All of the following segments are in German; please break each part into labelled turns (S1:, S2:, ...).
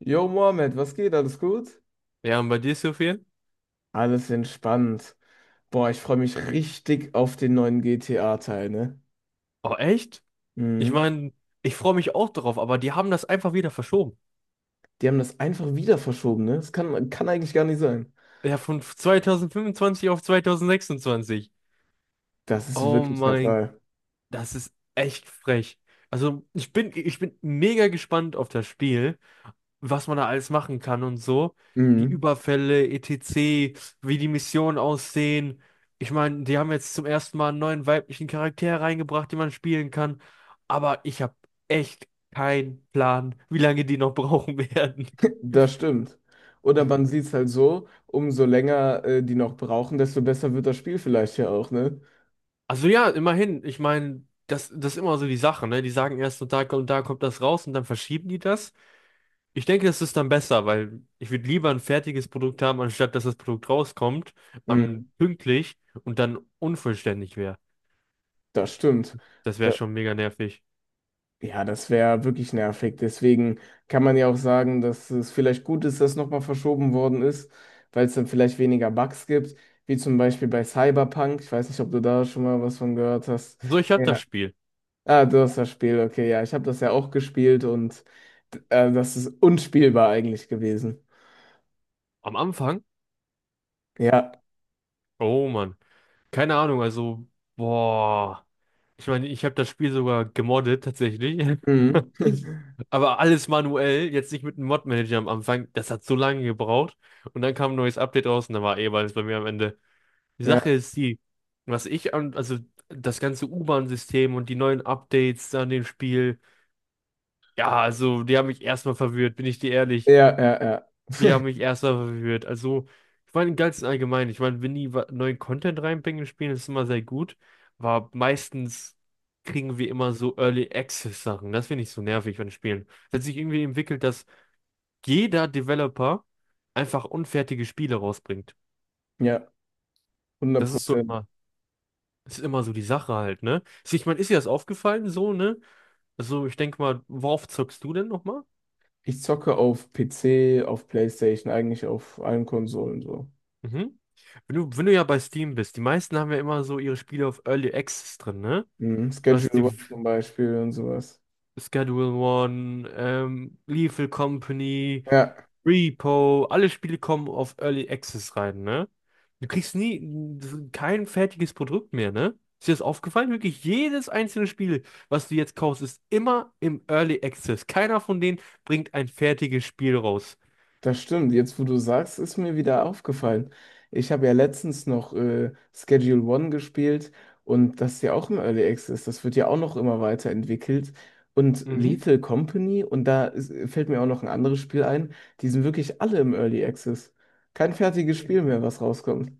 S1: Jo, Mohammed, was geht? Alles gut?
S2: Ja, und bei dir, ist so viel?
S1: Alles entspannt. Boah, ich freue mich richtig auf den neuen GTA-Teil, ne?
S2: Oh, echt? Ich
S1: Mhm.
S2: meine, ich freue mich auch darauf, aber die haben das einfach wieder verschoben.
S1: Die haben das einfach wieder verschoben, ne? Das kann eigentlich gar nicht sein.
S2: Ja, von 2025 auf 2026.
S1: Das ist
S2: Oh
S1: wirklich der
S2: mein,
S1: Fall.
S2: das ist echt frech. Also, ich bin mega gespannt auf das Spiel. Was man da alles machen kann und so. Die
S1: Mhm.
S2: Überfälle, etc., wie die Missionen aussehen. Ich meine, die haben jetzt zum ersten Mal einen neuen weiblichen Charakter reingebracht, den man spielen kann. Aber ich habe echt keinen Plan, wie lange die noch brauchen werden.
S1: Das stimmt. Oder man sieht es halt so, umso länger die noch brauchen, desto besser wird das Spiel vielleicht ja auch, ne?
S2: Also ja, immerhin. Ich meine, das ist immer so die Sache, ne? Die sagen erst, und da kommt das raus und dann verschieben die das. Ich denke, es ist dann besser, weil ich würde lieber ein fertiges Produkt haben, anstatt dass das Produkt rauskommt, an
S1: Mhm.
S2: pünktlich und dann unvollständig wäre.
S1: Das stimmt.
S2: Das wäre schon mega nervig.
S1: Ja, das wäre wirklich nervig. Deswegen kann man ja auch sagen, dass es vielleicht gut ist, dass nochmal verschoben worden ist, weil es dann vielleicht weniger Bugs gibt, wie zum Beispiel bei Cyberpunk. Ich weiß nicht, ob du da schon mal was von gehört hast.
S2: So, ich habe das
S1: Ja.
S2: Spiel.
S1: Ah, du hast das Spiel, okay, ja. Ich habe das ja auch gespielt und das ist unspielbar eigentlich gewesen.
S2: Am Anfang?
S1: Ja.
S2: Oh Mann. Keine Ahnung, also, boah. Ich meine, ich habe das Spiel sogar gemoddet tatsächlich.
S1: Mhm.
S2: Aber alles manuell, jetzt nicht mit einem Mod-Manager am Anfang. Das hat so lange gebraucht. Und dann kam ein neues Update raus und dann war eh alles bei mir am Ende. Die Sache
S1: Ja,
S2: ist die, was ich an, also das ganze U-Bahn-System und die neuen Updates an dem Spiel, ja, also die haben mich erstmal verwirrt, bin ich dir ehrlich.
S1: ja, ja.
S2: Die haben mich erstmal verwirrt. Also, ich meine, im Ganzen allgemein, ich meine, wenn die neuen Content reinbringen in Spielen, ist immer sehr gut, aber meistens kriegen wir immer so Early Access Sachen. Das finde ich so nervig an Spielen. Es hat sich irgendwie entwickelt, dass jeder Developer einfach unfertige Spiele rausbringt.
S1: Ja, hundert
S2: Das ist so
S1: Prozent.
S2: immer. Das ist immer so die Sache halt, ne? Also ich meine, ist dir das aufgefallen so, ne? Also ich denke mal, worauf zockst du denn nochmal?
S1: Ich zocke auf PC, auf PlayStation, eigentlich auf allen Konsolen so.
S2: Mhm. Wenn du ja bei Steam bist, die meisten haben ja immer so ihre Spiele auf Early Access drin, ne?
S1: Mhm.
S2: Du hast
S1: Schedule
S2: die
S1: One zum Beispiel und sowas.
S2: Schedule One, Lethal Company,
S1: Ja,
S2: Repo, alle Spiele kommen auf Early Access rein, ne? Du kriegst nie kein fertiges Produkt mehr, ne? Ist dir das aufgefallen? Wirklich jedes einzelne Spiel, was du jetzt kaufst, ist immer im Early Access. Keiner von denen bringt ein fertiges Spiel raus.
S1: das stimmt. Jetzt, wo du sagst, ist mir wieder aufgefallen. Ich habe ja letztens noch Schedule One gespielt und das ist ja auch im Early Access. Das wird ja auch noch immer weiterentwickelt. Und
S2: Mhm.
S1: Lethal Company, und fällt mir auch noch ein anderes Spiel ein, die sind wirklich alle im Early Access. Kein fertiges Spiel mehr, was rauskommt.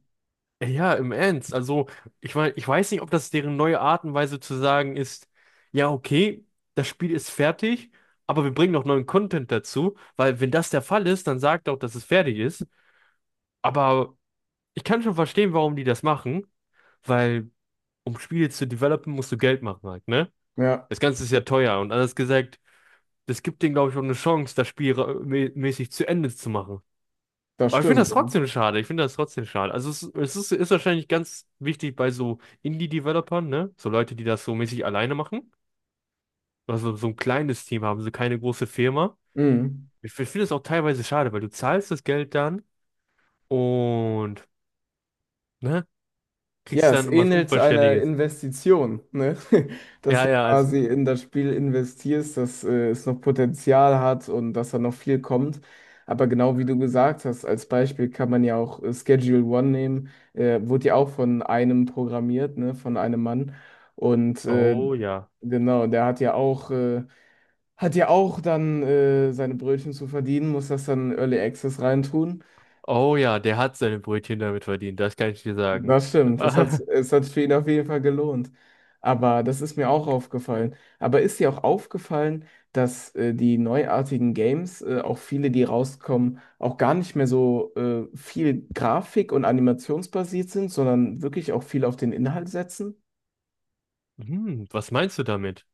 S2: Ja, im Ernst. Also, ich meine, ich weiß nicht, ob das deren neue Art und Weise zu sagen ist, ja, okay, das Spiel ist fertig, aber wir bringen noch neuen Content dazu, weil wenn das der Fall ist, dann sagt auch, dass es fertig ist. Aber ich kann schon verstehen, warum die das machen, weil um Spiele zu developen, musst du Geld machen halt, ne?
S1: Ja,
S2: Das Ganze ist ja teuer und anders gesagt, das gibt denen, glaube ich, auch eine Chance, das Spiel mäßig zu Ende zu machen.
S1: das
S2: Aber ich finde
S1: stimmt.
S2: das
S1: Ja.
S2: trotzdem schade, ich finde das trotzdem schade. Also es ist, wahrscheinlich ganz wichtig bei so Indie-Developern, ne? So Leute, die das so mäßig alleine machen. Also so ein kleines Team haben, so keine große Firma.
S1: Mhm.
S2: Ich finde es auch teilweise schade, weil du zahlst das Geld dann und, ne?
S1: Ja,
S2: Kriegst
S1: es
S2: dann was
S1: ähnelt einer
S2: Unvollständiges.
S1: Investition, ne? Dass
S2: Ja,
S1: du
S2: ja, als.
S1: quasi in das Spiel investierst, dass es noch Potenzial hat und dass da noch viel kommt. Aber genau wie du gesagt hast, als Beispiel kann man ja auch Schedule One nehmen, wurde ja auch von einem programmiert, ne? Von einem Mann. Und
S2: Oh ja.
S1: genau, der hat ja auch dann seine Brötchen zu verdienen, muss das dann in Early Access reintun.
S2: Oh ja, der hat seine Brötchen damit verdient, das kann ich dir sagen.
S1: Das stimmt, es hat für ihn auf jeden Fall gelohnt. Aber das ist mir auch aufgefallen. Aber ist dir auch aufgefallen, dass die neuartigen Games, auch viele, die rauskommen, auch gar nicht mehr so viel Grafik- und animationsbasiert sind, sondern wirklich auch viel auf den Inhalt setzen?
S2: Hm, was meinst du damit?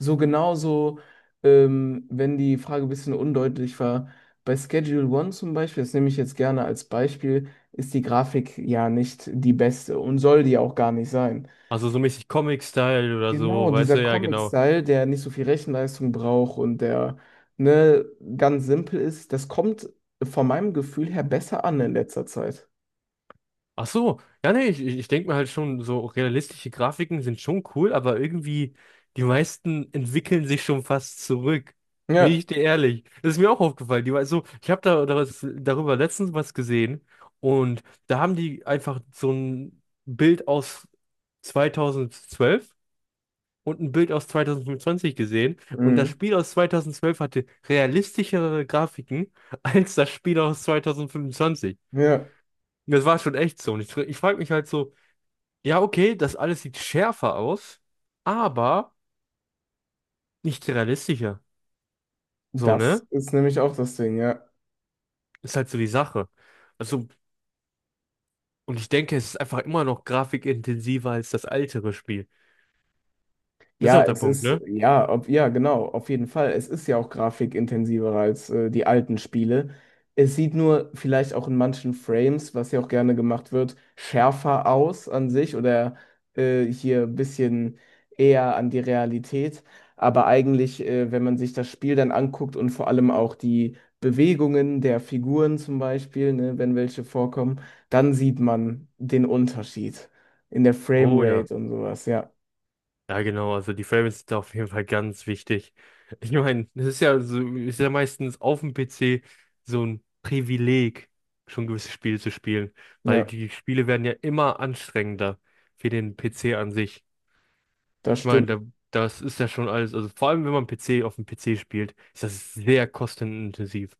S1: So genauso, wenn die Frage ein bisschen undeutlich war, bei Schedule One zum Beispiel, das nehme ich jetzt gerne als Beispiel, ist die Grafik ja nicht die beste und soll die auch gar nicht sein.
S2: Also so mäßig Comic-Style oder
S1: Genau,
S2: so, weißt
S1: dieser
S2: du, ja genau.
S1: Comic-Style, der nicht so viel Rechenleistung braucht und der ne, ganz simpel ist, das kommt von meinem Gefühl her besser an in letzter Zeit.
S2: Ach so, ja nee, ich denke mir halt schon, so realistische Grafiken sind schon cool, aber irgendwie die meisten entwickeln sich schon fast zurück. Bin
S1: Ja,
S2: ich dir ehrlich? Das ist mir auch aufgefallen. Die, war so, ich habe darüber letztens was gesehen und da haben die einfach so ein Bild aus 2012 und ein Bild aus 2025 gesehen und das
S1: mhm.
S2: Spiel aus 2012 hatte realistischere Grafiken als das Spiel aus 2025.
S1: Ja,
S2: Und das war schon echt so. Und ich frage mich halt so, ja, okay, das alles sieht schärfer aus, aber nicht realistischer. So, ne?
S1: das ist nämlich auch das Ding, ja.
S2: Ist halt so die Sache. Also, und ich denke, es ist einfach immer noch grafikintensiver als das ältere Spiel. Das ist
S1: Ja,
S2: auch der
S1: es
S2: Punkt,
S1: ist,
S2: ne?
S1: ja, ob, ja, genau, auf jeden Fall. Es ist ja auch grafikintensiver als die alten Spiele. Es sieht nur vielleicht auch in manchen Frames, was ja auch gerne gemacht wird, schärfer aus an sich oder hier ein bisschen eher an die Realität. Aber eigentlich, wenn man sich das Spiel dann anguckt und vor allem auch die Bewegungen der Figuren zum Beispiel, ne, wenn welche vorkommen, dann sieht man den Unterschied in der
S2: Oh ja.
S1: Framerate und sowas. Ja,
S2: Ja, genau, also die Frames sind da auf jeden Fall ganz wichtig. Ich meine, das ist ja so, ist ja meistens auf dem PC so ein Privileg, schon gewisse Spiele zu spielen, weil
S1: ja,
S2: die Spiele werden ja immer anstrengender für den PC an sich.
S1: das
S2: Ich meine,
S1: stimmt.
S2: da, das ist ja schon alles, also vor allem wenn man PC auf dem PC spielt, ist das sehr kostenintensiv.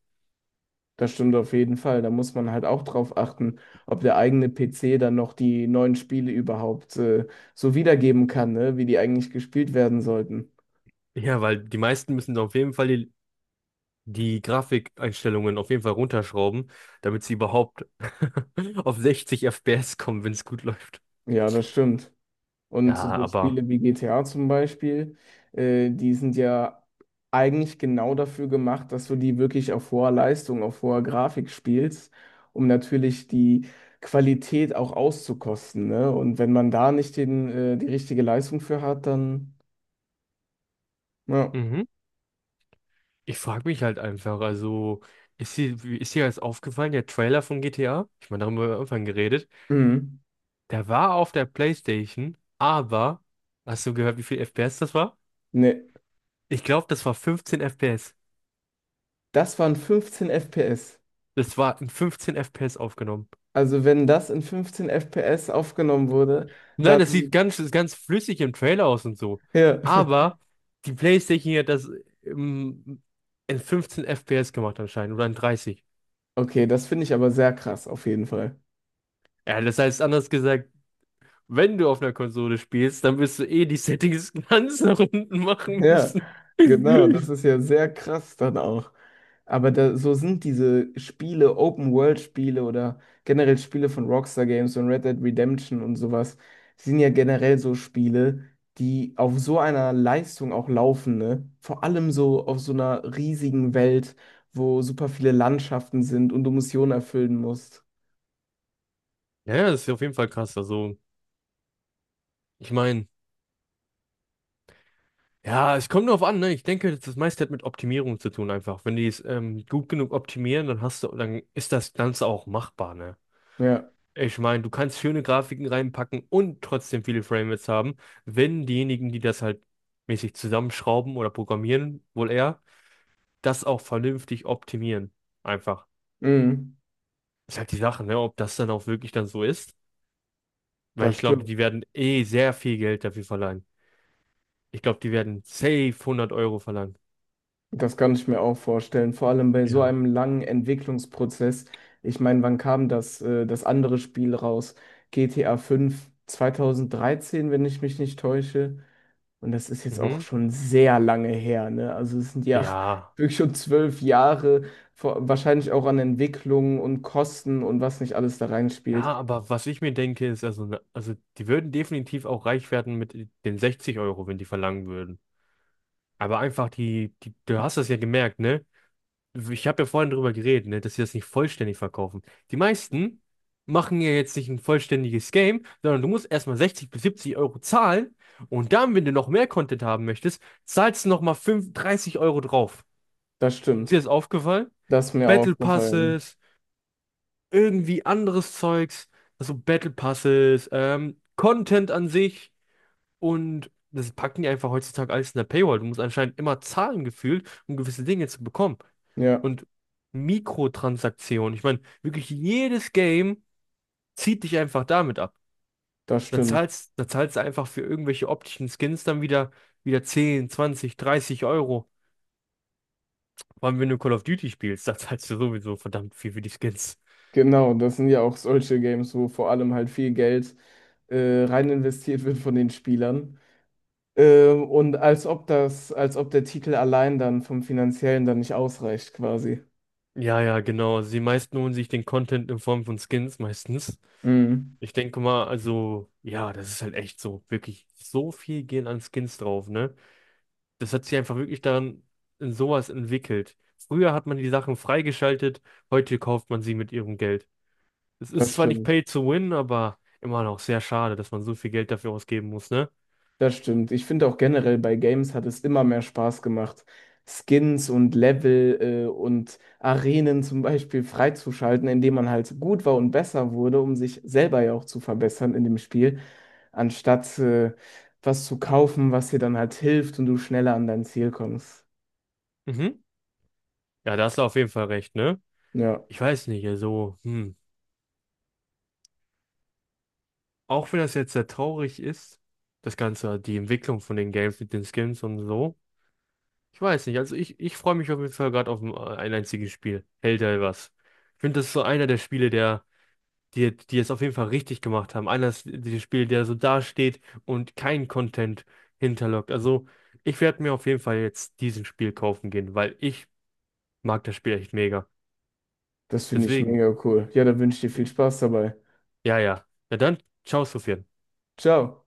S1: Das stimmt auf jeden Fall. Da muss man halt auch drauf achten, ob der eigene PC dann noch die neuen Spiele überhaupt so wiedergeben kann, ne? Wie die eigentlich gespielt werden sollten.
S2: Ja, weil die meisten müssen auf jeden Fall die Grafikeinstellungen auf jeden Fall runterschrauben, damit sie überhaupt auf 60 FPS kommen, wenn es gut läuft.
S1: Ja, das stimmt. Und
S2: Ja,
S1: so
S2: aber
S1: Spiele wie GTA zum Beispiel, die sind ja eigentlich genau dafür gemacht, dass du die wirklich auf hoher Leistung, auf hoher Grafik spielst, um natürlich die Qualität auch auszukosten, ne? Und wenn man da nicht die richtige Leistung für hat, dann, ja,
S2: mhm. Ich frage mich halt einfach, also ist dir jetzt aufgefallen, der Trailer von GTA? Ich meine, darüber haben wir am Anfang geredet.
S1: mhm.
S2: Der war auf der PlayStation, aber hast du gehört, wie viel FPS das war?
S1: Nee.
S2: Ich glaube, das war 15 FPS.
S1: Das waren 15 FPS.
S2: Das war in 15 FPS aufgenommen.
S1: Also wenn das in 15 FPS aufgenommen wurde,
S2: Nein, das sieht
S1: dann
S2: ist ganz flüssig im Trailer aus und so.
S1: ja.
S2: Aber die PlayStation hat das im, in 15 FPS gemacht anscheinend oder in 30.
S1: Okay, das finde ich aber sehr krass auf jeden Fall.
S2: Ja, das heißt anders gesagt, wenn du auf einer Konsole spielst, dann wirst du eh die Settings ganz nach unten machen
S1: Ja,
S2: müssen.
S1: genau, das ist ja sehr krass dann auch. Aber da, so sind diese Spiele, Open-World-Spiele oder generell Spiele von Rockstar Games und Red Dead Redemption und sowas, sind ja generell so Spiele, die auf so einer Leistung auch laufen, ne? Vor allem so auf so einer riesigen Welt, wo super viele Landschaften sind und du Missionen erfüllen musst.
S2: Ja, ja, das ist auf jeden Fall krass. Also, ich meine, ja, es kommt drauf an, ne? Ich denke, das das meiste hat mit Optimierung zu tun einfach. Wenn die es gut genug optimieren, dann hast du, dann ist das Ganze auch machbar, ne?
S1: Ja,
S2: Ich meine, du kannst schöne Grafiken reinpacken und trotzdem viele Framerates haben, wenn diejenigen, die das halt mäßig zusammenschrauben oder programmieren, wohl eher, das auch vernünftig optimieren. Einfach.
S1: mhm,
S2: Ist halt die Sache, ne, ob das dann auch wirklich dann so ist. Weil ich
S1: das
S2: glaube,
S1: stimmt.
S2: die werden eh sehr viel Geld dafür verlangen. Ich glaube, die werden safe 100 € verlangen.
S1: Das kann ich mir auch vorstellen, vor allem bei so
S2: Ja.
S1: einem langen Entwicklungsprozess. Ich meine, wann kam das andere Spiel raus? GTA 5 2013, wenn ich mich nicht täusche. Und das ist jetzt auch
S2: Mhm.
S1: schon sehr lange her, ne? Also es sind ja
S2: Ja.
S1: wirklich schon 12 Jahre, vor, wahrscheinlich auch an Entwicklung und Kosten und was nicht alles da
S2: Ja,
S1: reinspielt.
S2: aber was ich mir denke, ist, also, also die würden definitiv auch reich werden mit den 60 Euro, wenn die verlangen würden. Aber einfach du hast das ja gemerkt, ne? Ich habe ja vorhin drüber geredet, ne, dass sie das nicht vollständig verkaufen. Die meisten machen ja jetzt nicht ein vollständiges Game, sondern du musst erstmal 60 bis 70 € zahlen und dann, wenn du noch mehr Content haben möchtest, zahlst du nochmal 30 € drauf.
S1: Das
S2: Ist dir
S1: stimmt.
S2: das aufgefallen?
S1: Das ist mir
S2: Battle
S1: aufgefallen.
S2: Passes, irgendwie anderes Zeugs, also Battle Passes, Content an sich. Und das packen die einfach heutzutage alles in der Paywall. Du musst anscheinend immer zahlen gefühlt, um gewisse Dinge zu bekommen.
S1: Ja,
S2: Und Mikrotransaktionen, ich meine, wirklich jedes Game zieht dich einfach damit ab.
S1: das
S2: Dann
S1: stimmt.
S2: zahlst, dann zahlst du einfach für irgendwelche optischen Skins dann wieder 10, 20, 30 Euro. Vor allem, wenn du Call of Duty spielst, da zahlst du sowieso verdammt viel für die Skins.
S1: Genau, das sind ja auch solche Games, wo vor allem halt viel Geld rein investiert wird von den Spielern. Und als ob der Titel allein dann vom Finanziellen dann nicht ausreicht, quasi.
S2: Ja, ja, genau. Also die meisten holen sich den Content in Form von Skins meistens.
S1: Mhm,
S2: Ich denke mal, also, ja, das ist halt echt so, wirklich so viel gehen an Skins drauf, ne? Das hat sich einfach wirklich daran in sowas entwickelt. Früher hat man die Sachen freigeschaltet, heute kauft man sie mit ihrem Geld. Es
S1: das
S2: ist zwar nicht
S1: stimmt.
S2: pay to win, aber immer noch sehr schade, dass man so viel Geld dafür ausgeben muss, ne?
S1: Das stimmt. Ich finde auch generell bei Games hat es immer mehr Spaß gemacht, Skins und Level und Arenen zum Beispiel freizuschalten, indem man halt gut war und besser wurde, um sich selber ja auch zu verbessern in dem Spiel, anstatt was zu kaufen, was dir dann halt hilft und du schneller an dein Ziel kommst.
S2: Mhm. Ja, da hast du auf jeden Fall recht, ne?
S1: Ja,
S2: Ich weiß nicht, also, hm. Auch wenn das jetzt sehr traurig ist, das Ganze, die Entwicklung von den Games mit den Skins und so. Ich weiß nicht, also ich freue mich auf jeden Fall gerade auf ein einziges Spiel. Hält er was? Ich finde, das ist so einer der Spiele, die es auf jeden Fall richtig gemacht haben. Einer ist der Spiele, der so dasteht und kein Content hinterlockt. Also ich werde mir auf jeden Fall jetzt diesen Spiel kaufen gehen, weil ich mag das Spiel echt mega.
S1: das finde ich
S2: Deswegen,
S1: mega cool. Ja, da wünsche ich dir viel Spaß dabei.
S2: ja, ja. Ja, dann, ciao, Sophia.
S1: Ciao.